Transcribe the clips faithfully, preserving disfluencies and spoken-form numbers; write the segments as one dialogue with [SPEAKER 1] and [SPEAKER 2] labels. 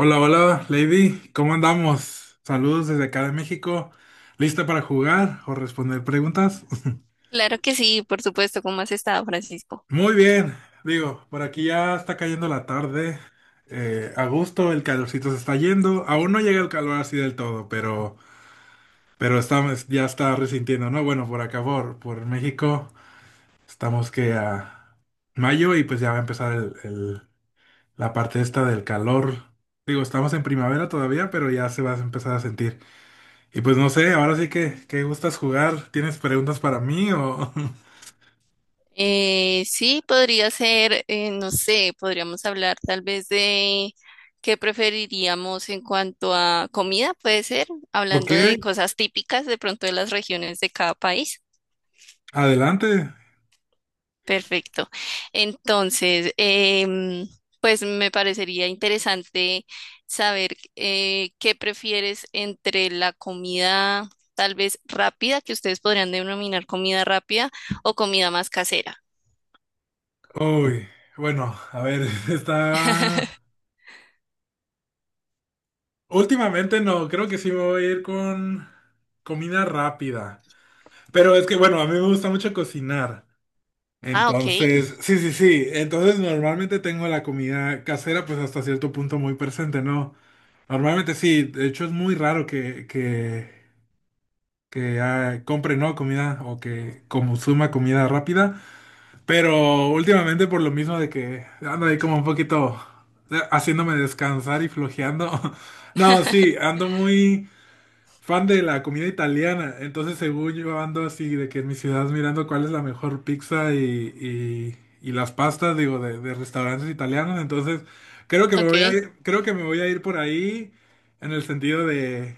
[SPEAKER 1] Hola, hola, Lady, ¿cómo andamos? Saludos desde acá de México. ¿Lista para jugar o responder preguntas?
[SPEAKER 2] Claro que sí, por supuesto, ¿cómo has estado, Francisco?
[SPEAKER 1] Muy bien, digo, por aquí ya está cayendo la tarde. Eh, a gusto, el calorcito se está yendo. Aún no llega el calor así del todo, pero, pero estamos, ya está resintiendo, ¿no? Bueno, por acá, por, por México, estamos que a mayo y pues ya va a empezar el, el- la parte esta del calor. Digo, estamos en primavera todavía, pero ya se va a empezar a sentir. Y pues no sé, ahora sí que, ¿qué gustas jugar? ¿Tienes preguntas para mí o,
[SPEAKER 2] Eh, sí, podría ser, eh, no sé, podríamos hablar tal vez de qué preferiríamos en cuanto a comida, puede ser,
[SPEAKER 1] o
[SPEAKER 2] hablando
[SPEAKER 1] qué?
[SPEAKER 2] de cosas típicas de pronto de las regiones de cada país.
[SPEAKER 1] Adelante.
[SPEAKER 2] Perfecto. Entonces, em, pues me parecería interesante saber eh, qué prefieres entre la comida tal vez rápida, que ustedes podrían denominar comida rápida, o comida más casera.
[SPEAKER 1] Uy, bueno, a ver, está... Últimamente no, creo que sí me voy a ir con comida rápida. Pero es que, bueno, a mí me gusta mucho cocinar.
[SPEAKER 2] Ah, ok,
[SPEAKER 1] Entonces, sí, sí, sí. Entonces normalmente tengo la comida casera pues hasta cierto punto muy presente, ¿no? Normalmente sí, de hecho es muy raro que, que que ah, compre no comida o que consuma comida rápida, pero últimamente por lo mismo de que ando ahí como un poquito eh, haciéndome descansar y flojeando. No, sí, ando muy fan de la comida italiana, entonces según yo ando así de que en mi ciudad mirando cuál es la mejor pizza y, y- y las pastas, digo, de, de restaurantes italianos, entonces creo que me voy a
[SPEAKER 2] ok.
[SPEAKER 1] ir, creo que me voy a ir por ahí en el sentido de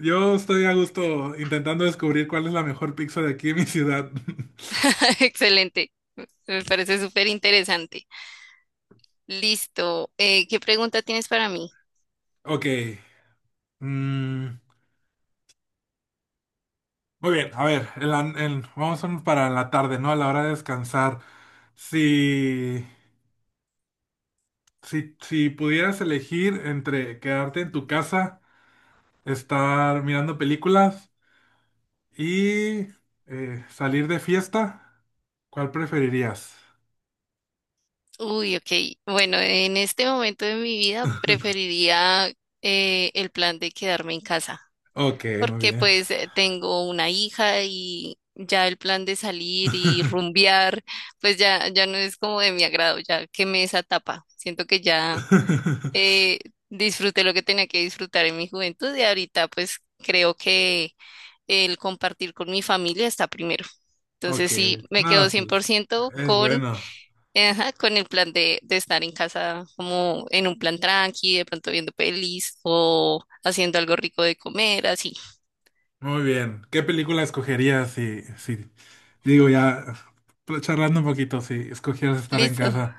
[SPEAKER 1] yo estoy a gusto intentando descubrir cuál es la mejor pizza de aquí en mi ciudad.
[SPEAKER 2] Excelente. Me parece súper interesante. Listo. Eh, ¿qué pregunta tienes para mí?
[SPEAKER 1] Ok, mm, muy bien, a ver, en la- en- vamos a- para la tarde, ¿no? A la hora de descansar. Si... Si, si pudieras elegir entre quedarte en tu casa, estar mirando películas y eh, salir de fiesta, ¿cuál preferirías?
[SPEAKER 2] Uy, ok. Bueno, en este momento de mi vida preferiría eh, el plan de quedarme en casa,
[SPEAKER 1] Ok, muy
[SPEAKER 2] porque
[SPEAKER 1] bien.
[SPEAKER 2] pues eh, tengo una hija y ya el plan de salir y rumbear, pues ya, ya no es como de mi agrado, ya quemé esa etapa. Siento que ya eh, disfruté lo que tenía que disfrutar en mi juventud y ahorita pues creo que el compartir con mi familia está primero.
[SPEAKER 1] Ok,
[SPEAKER 2] Entonces sí, me
[SPEAKER 1] nada,
[SPEAKER 2] quedo
[SPEAKER 1] sí, es
[SPEAKER 2] cien por ciento
[SPEAKER 1] es
[SPEAKER 2] con,
[SPEAKER 1] bueno.
[SPEAKER 2] eh, ajá, con el plan de, de estar en casa como en un plan tranqui, de pronto viendo pelis o haciendo algo rico de comer, así.
[SPEAKER 1] Muy bien. ¿Qué película escogerías si, si, digo ya, charlando un poquito, si escogieras estar en
[SPEAKER 2] Listo.
[SPEAKER 1] casa?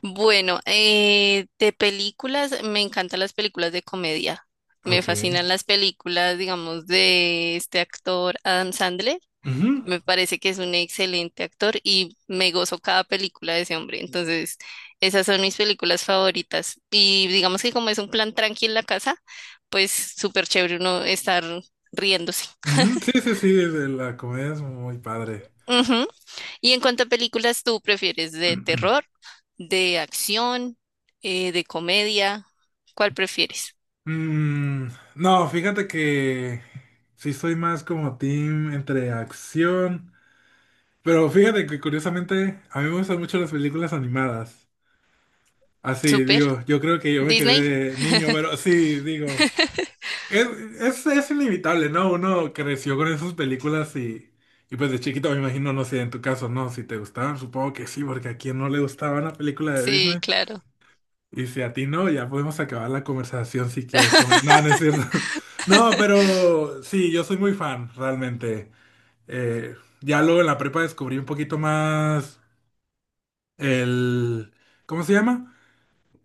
[SPEAKER 2] Bueno, eh, de películas, me encantan las películas de comedia. Me
[SPEAKER 1] Ok.
[SPEAKER 2] fascinan las películas, digamos, de este actor Adam Sandler.
[SPEAKER 1] Ujú,
[SPEAKER 2] Me parece que es un excelente actor y me gozo cada película de ese hombre. Entonces, esas son mis películas favoritas. Y digamos que como es un plan tranqui en la casa, pues súper chévere uno estar riéndose.
[SPEAKER 1] ujú. Sí, sí, sí, de la comedia es muy padre.
[SPEAKER 2] Y en cuanto a películas, ¿tú prefieres de terror, de acción, eh, de comedia? ¿Cuál prefieres?
[SPEAKER 1] Mm, no, fíjate que sí soy más como team entre acción, pero fíjate que curiosamente a mí me gustan mucho las películas animadas. Así,
[SPEAKER 2] ¿Super?
[SPEAKER 1] digo, yo creo que yo me
[SPEAKER 2] ¿Disney?
[SPEAKER 1] quedé niño, pero sí, digo, es, es, es inevitable, ¿no? Uno creció con esas películas y, y pues de chiquito me imagino, no sé, en tu caso, ¿no? Si te gustaban, supongo que sí, porque a quien no le gustaba una película de
[SPEAKER 2] Sí,
[SPEAKER 1] Disney.
[SPEAKER 2] claro.
[SPEAKER 1] Y si a ti no, ya podemos acabar la conversación si quieres. Comer. No, no es cierto. No, pero sí, yo soy muy fan, realmente. Eh, ya luego en la prepa descubrí un poquito más el... ¿Cómo se llama?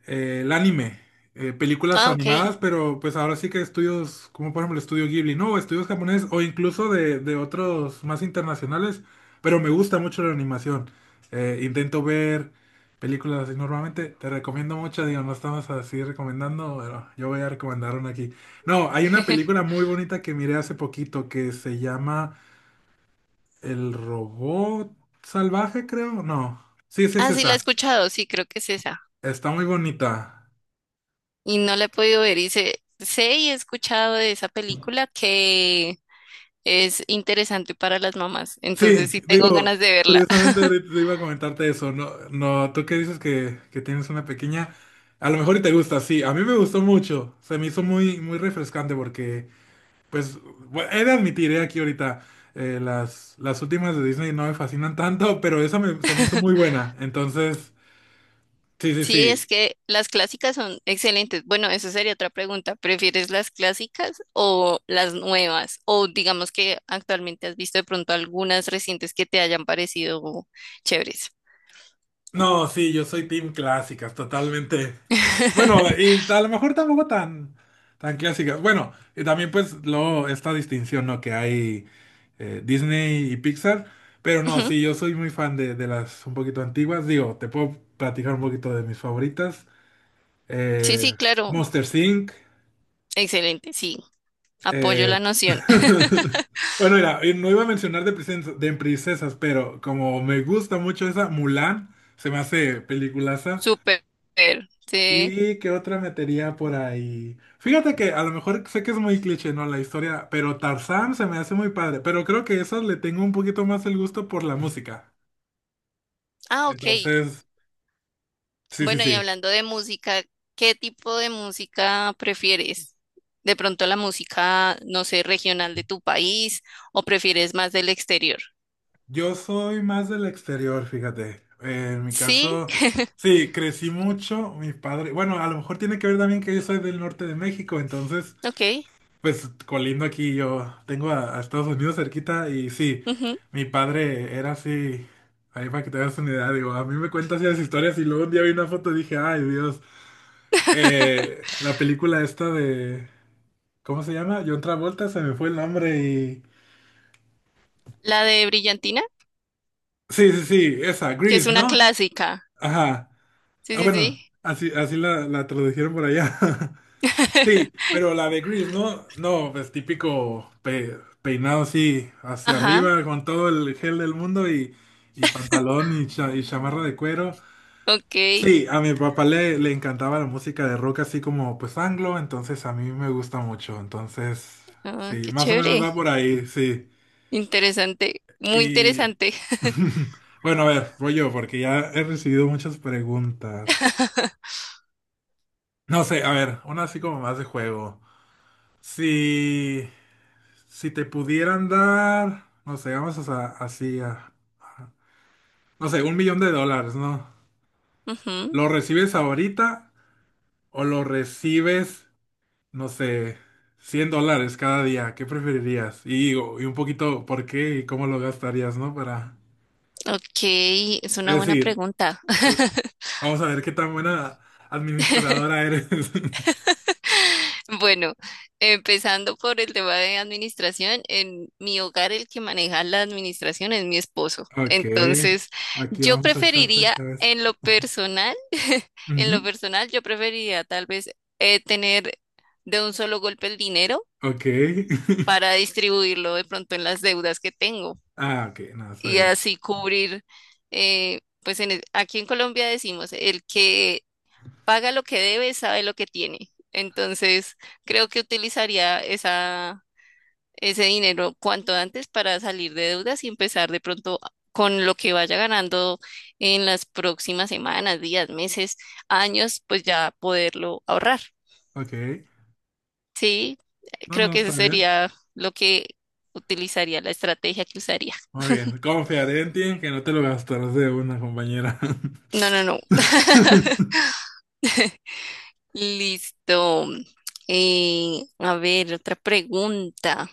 [SPEAKER 1] eh, El anime, eh, películas
[SPEAKER 2] Ah, ok.
[SPEAKER 1] animadas, pero pues ahora sí que estudios, como por ejemplo el estudio Ghibli, ¿no? O estudios japoneses o incluso de, de otros más internacionales, pero me gusta mucho la animación. Eh, intento ver películas así normalmente, te recomiendo muchas, digo, no estamos así recomendando, pero yo voy a recomendar una aquí. No, hay una película muy bonita que miré hace poquito que se llama El robot salvaje, creo, no. Sí, sí, es
[SPEAKER 2] Ah, sí, la he
[SPEAKER 1] esa.
[SPEAKER 2] escuchado, sí, creo que es esa.
[SPEAKER 1] Está muy bonita.
[SPEAKER 2] Y no la he podido ver. Y sé, sé y he escuchado de esa película que es interesante para las mamás.
[SPEAKER 1] Sí,
[SPEAKER 2] Entonces sí tengo
[SPEAKER 1] digo,
[SPEAKER 2] ganas de verla.
[SPEAKER 1] curiosamente ahorita te iba a comentarte eso, no, no, tú que dices que, que tienes una pequeña, a lo mejor y te gusta, sí, a mí me gustó mucho, se me hizo muy, muy refrescante porque, pues, bu- he de admitir, eh, aquí ahorita, eh, las, las últimas de Disney no me fascinan tanto, pero esa me- se me hizo muy buena, entonces, sí, sí,
[SPEAKER 2] Sí,
[SPEAKER 1] sí,
[SPEAKER 2] es que las clásicas son excelentes. Bueno, eso sería otra pregunta. ¿Prefieres las clásicas o las nuevas? O digamos que actualmente has visto de pronto algunas recientes que te hayan parecido chéveres.
[SPEAKER 1] no, sí, yo soy team clásicas, totalmente. Bueno, y a lo mejor tampoco tan, tan clásicas. Bueno, y también pues luego esta distinción, ¿no? Que hay eh, Disney y Pixar. Pero no,
[SPEAKER 2] Ujú.
[SPEAKER 1] sí, yo soy muy fan de, de las un poquito antiguas. Digo, te puedo platicar un poquito de mis favoritas.
[SPEAKER 2] Sí, sí,
[SPEAKER 1] Eh,
[SPEAKER 2] claro.
[SPEAKER 1] Monsters Inc.
[SPEAKER 2] Excelente, sí. Apoyo
[SPEAKER 1] eh,
[SPEAKER 2] la noción.
[SPEAKER 1] Bueno, mira, y no iba a mencionar de princesas, de princesas, pero como me gusta mucho esa, Mulan, se me hace peliculaza.
[SPEAKER 2] Súper. Sí.
[SPEAKER 1] ¿Y qué otra metería por ahí? Fíjate que a lo mejor sé que es muy cliché, ¿no? La historia, pero Tarzán se me hace muy padre, pero creo que esas le tengo un poquito más el gusto por la música.
[SPEAKER 2] Ah, ok.
[SPEAKER 1] Entonces, sí, sí,
[SPEAKER 2] Bueno, y
[SPEAKER 1] sí.
[SPEAKER 2] hablando de música, ¿qué tipo de música prefieres? ¿De pronto la música, no sé, regional de tu país o prefieres más del exterior?
[SPEAKER 1] Yo soy más del exterior, fíjate. Eh, en mi
[SPEAKER 2] Sí,
[SPEAKER 1] caso, sí, crecí mucho, mi padre. Bueno, a lo mejor tiene que ver también que yo soy del norte de México, entonces
[SPEAKER 2] ok.
[SPEAKER 1] pues colindo aquí yo tengo a, a Estados Unidos cerquita y sí,
[SPEAKER 2] Ujú.
[SPEAKER 1] mi padre era así, ahí para que te hagas una idea, digo, a mí me cuentas esas historias y luego un día vi una foto y dije, ay Dios, eh, la película esta de, ¿cómo se llama? John Travolta, se me fue el nombre y...
[SPEAKER 2] La de Brillantina,
[SPEAKER 1] Sí, sí, sí, esa,
[SPEAKER 2] que es
[SPEAKER 1] Grease,
[SPEAKER 2] una
[SPEAKER 1] ¿no?
[SPEAKER 2] clásica.
[SPEAKER 1] Ajá,
[SPEAKER 2] Sí,
[SPEAKER 1] ah,
[SPEAKER 2] sí,
[SPEAKER 1] bueno,
[SPEAKER 2] sí.
[SPEAKER 1] así, así la, la tradujeron por allá. Sí, pero la de Grease, ¿no? No, pues típico pe- peinado así hacia
[SPEAKER 2] Ajá,
[SPEAKER 1] arriba con todo el gel del mundo y, y pantalón y, cha- y chamarra de cuero.
[SPEAKER 2] ok.
[SPEAKER 1] Sí, a mi papá le, le encantaba la música de rock así como pues anglo, entonces a mí me gusta mucho. Entonces,
[SPEAKER 2] Ah,
[SPEAKER 1] sí,
[SPEAKER 2] qué
[SPEAKER 1] más o menos
[SPEAKER 2] chévere.
[SPEAKER 1] va por ahí, sí.
[SPEAKER 2] Interesante, muy
[SPEAKER 1] Y
[SPEAKER 2] interesante.
[SPEAKER 1] bueno, a ver, voy yo porque ya he recibido muchas preguntas. No sé, a ver, una así como más de juego. Sí. Si te pudieran dar, no sé, vamos a, así a, a- no sé, un millón de dólares, ¿no?
[SPEAKER 2] Ujú,
[SPEAKER 1] ¿Lo recibes ahorita o lo recibes, no sé, cien dólares cada día? ¿Qué preferirías? Y, o- y un poquito, ¿por qué y cómo lo gastarías, ¿no? Para,
[SPEAKER 2] ok, es
[SPEAKER 1] es
[SPEAKER 2] una buena
[SPEAKER 1] decir,
[SPEAKER 2] pregunta.
[SPEAKER 1] vamos a ver qué tan buena administradora eres.
[SPEAKER 2] Bueno, empezando por el tema de administración, en mi hogar el que maneja la administración es mi esposo.
[SPEAKER 1] Ok,
[SPEAKER 2] Entonces,
[SPEAKER 1] aquí
[SPEAKER 2] yo
[SPEAKER 1] vamos a echarte de
[SPEAKER 2] preferiría
[SPEAKER 1] cabeza.
[SPEAKER 2] en lo personal, en lo
[SPEAKER 1] Ujú,
[SPEAKER 2] personal, yo preferiría tal vez eh, tener de un solo golpe el dinero
[SPEAKER 1] ok.
[SPEAKER 2] para distribuirlo de pronto en las deudas que tengo
[SPEAKER 1] Ah, ok, no, está
[SPEAKER 2] y
[SPEAKER 1] bien.
[SPEAKER 2] así cubrir, eh, pues en el- aquí en Colombia decimos, el que paga lo que debe, sabe lo que tiene. Entonces, creo que utilizaría esa, ese dinero cuanto antes para salir de deudas y empezar de pronto con lo que vaya ganando en las próximas semanas, días, meses, años, pues ya poderlo ahorrar.
[SPEAKER 1] Ok,
[SPEAKER 2] Sí,
[SPEAKER 1] no,
[SPEAKER 2] creo
[SPEAKER 1] no,
[SPEAKER 2] que ese
[SPEAKER 1] está bien.
[SPEAKER 2] sería lo que utilizaría, la estrategia que usaría.
[SPEAKER 1] Muy bien, confiaré en ti en que no te lo gastarás de una compañera.
[SPEAKER 2] No, no, no. Listo. Eh, a ver, otra pregunta,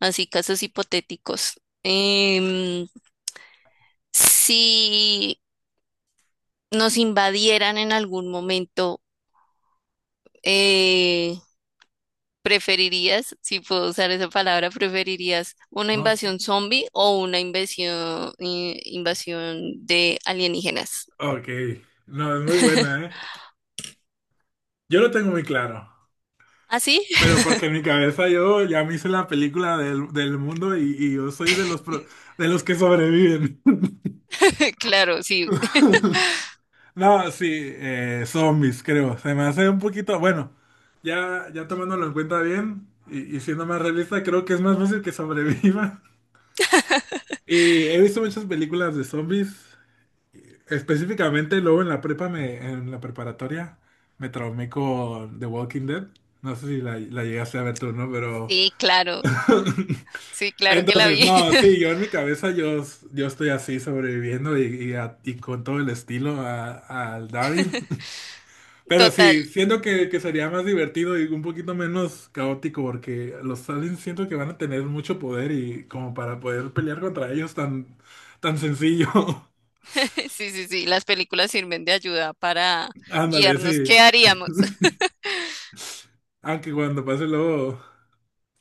[SPEAKER 2] así casos hipotéticos. Em, si nos invadieran en algún momento, eh, ¿preferirías, si puedo usar esa palabra, preferirías una
[SPEAKER 1] No, sí.
[SPEAKER 2] invasión zombie o una invasión, eh, invasión de alienígenas?
[SPEAKER 1] Ok, no, es muy buena, ¿eh? Yo lo tengo muy claro,
[SPEAKER 2] ¿Ah, sí?
[SPEAKER 1] pero porque en mi cabeza yo ya me hice la película del, del mundo y, y yo soy de los, pro- de los que sobreviven.
[SPEAKER 2] Claro, sí.
[SPEAKER 1] No, sí, eh, zombies, creo. Se me hace un poquito, bueno, ya, ya tomándolo en cuenta bien y, y siendo más realista, creo que es más fácil que sobreviva. Y he visto muchas películas de zombies. Específicamente, luego en la prepa, me, en la preparatoria, me traumé con The Walking Dead. No sé si la, la llegaste a ver tú, ¿no? Pero...
[SPEAKER 2] Sí, claro. Sí, claro que la
[SPEAKER 1] Entonces,
[SPEAKER 2] vi.
[SPEAKER 1] no, sí, yo en mi cabeza yo, yo estoy así sobreviviendo y, y, a- y con todo el estilo a- al Daryl. Pero
[SPEAKER 2] Total.
[SPEAKER 1] sí, siento que, que sería más divertido y un poquito menos caótico porque los aliens siento que van a tener mucho poder y como para poder pelear contra ellos tan, tan sencillo.
[SPEAKER 2] Sí, sí, sí. Las películas sirven de ayuda para
[SPEAKER 1] Ándale,
[SPEAKER 2] guiarnos.
[SPEAKER 1] sí.
[SPEAKER 2] ¿Qué haríamos?
[SPEAKER 1] Aunque cuando pase luego...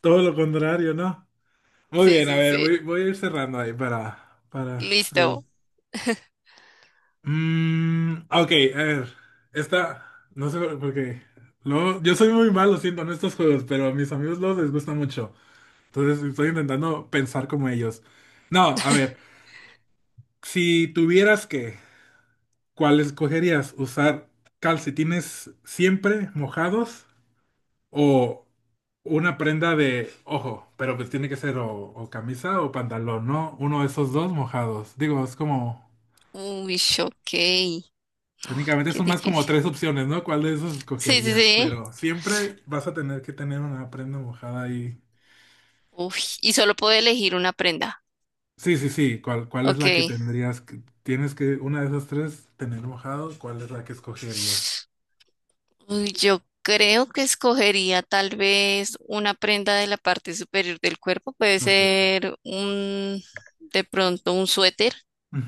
[SPEAKER 1] Todo lo contrario, ¿no? Muy
[SPEAKER 2] Sí,
[SPEAKER 1] bien, a
[SPEAKER 2] sí,
[SPEAKER 1] ver,
[SPEAKER 2] sí.
[SPEAKER 1] voy, voy a ir cerrando ahí para, para, sí.
[SPEAKER 2] Listo.
[SPEAKER 1] Mm, ok, a ver, esta, no sé por qué. Luego, yo soy muy malo, siento, en estos juegos, pero a mis amigos los les gusta mucho. Entonces estoy intentando pensar como ellos. No, a ver, si tuvieras que, ¿cuál escogerías? ¿Usar calcetines siempre mojados? O una prenda de, ojo, pero pues tiene que ser o, o camisa o pantalón, ¿no? Uno de esos dos mojados. Digo, es como,
[SPEAKER 2] Uy, ok, qué
[SPEAKER 1] técnicamente son más como
[SPEAKER 2] difícil.
[SPEAKER 1] tres opciones, ¿no? ¿Cuál de esos
[SPEAKER 2] Sí, sí,
[SPEAKER 1] escogerías?
[SPEAKER 2] sí.
[SPEAKER 1] Pero siempre vas a tener que tener una prenda mojada ahí.
[SPEAKER 2] Uy, y solo puedo elegir una prenda.
[SPEAKER 1] Sí, sí, sí. ¿Cuál, ¿cuál es
[SPEAKER 2] Ok.
[SPEAKER 1] la que tendrías? Que- Tienes que, una de esas tres, tener mojado. ¿Cuál es la que escogerías?
[SPEAKER 2] Uy, yo creo que escogería tal vez una prenda de la parte superior del cuerpo. Puede
[SPEAKER 1] Ok.
[SPEAKER 2] ser un, de pronto un suéter.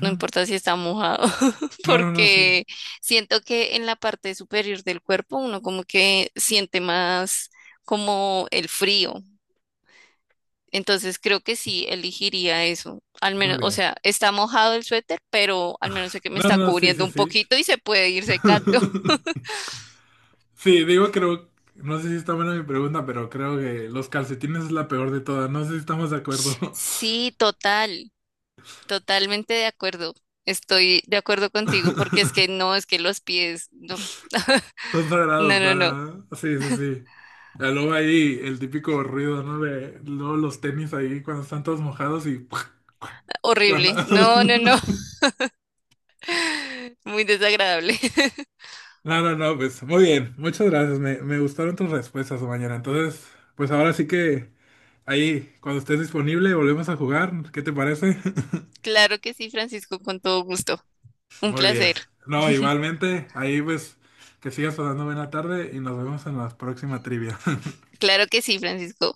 [SPEAKER 2] No importa si está mojado,
[SPEAKER 1] No, no, no, sí.
[SPEAKER 2] porque siento que en la parte superior del cuerpo uno como que siente más como el frío. Entonces creo que sí elegiría eso. Al
[SPEAKER 1] Muy
[SPEAKER 2] menos, o
[SPEAKER 1] bien.
[SPEAKER 2] sea, está mojado el suéter, pero al menos sé que me
[SPEAKER 1] No,
[SPEAKER 2] está
[SPEAKER 1] no, sí,
[SPEAKER 2] cubriendo
[SPEAKER 1] sí,
[SPEAKER 2] un
[SPEAKER 1] sí.
[SPEAKER 2] poquito y se puede ir secando.
[SPEAKER 1] Sí, digo, creo, no sé si está buena mi pregunta, pero creo que los calcetines es la peor de todas. No sé si estamos de acuerdo.
[SPEAKER 2] Sí, total, totalmente de acuerdo. Estoy de acuerdo contigo porque es que no, es que los pies, no,
[SPEAKER 1] Son
[SPEAKER 2] no,
[SPEAKER 1] sagrados
[SPEAKER 2] no, no,
[SPEAKER 1] para... Sí, sí, sí. Ya luego ahí el típico ruido, ¿no? De luego los tenis ahí cuando están todos mojados y... cuando-
[SPEAKER 2] horrible. No, no, no, muy desagradable.
[SPEAKER 1] No, no, no, pues muy bien. Muchas gracias. Me, me gustaron tus respuestas, mañana. Entonces, pues ahora sí que ahí, cuando estés disponible, volvemos a jugar. ¿Qué te parece?
[SPEAKER 2] Claro que sí, Francisco, con todo gusto. Un
[SPEAKER 1] Muy bien.
[SPEAKER 2] placer.
[SPEAKER 1] No, igualmente, ahí pues que sigas pasando buena tarde y nos vemos en la próxima trivia.
[SPEAKER 2] Claro que sí, Francisco.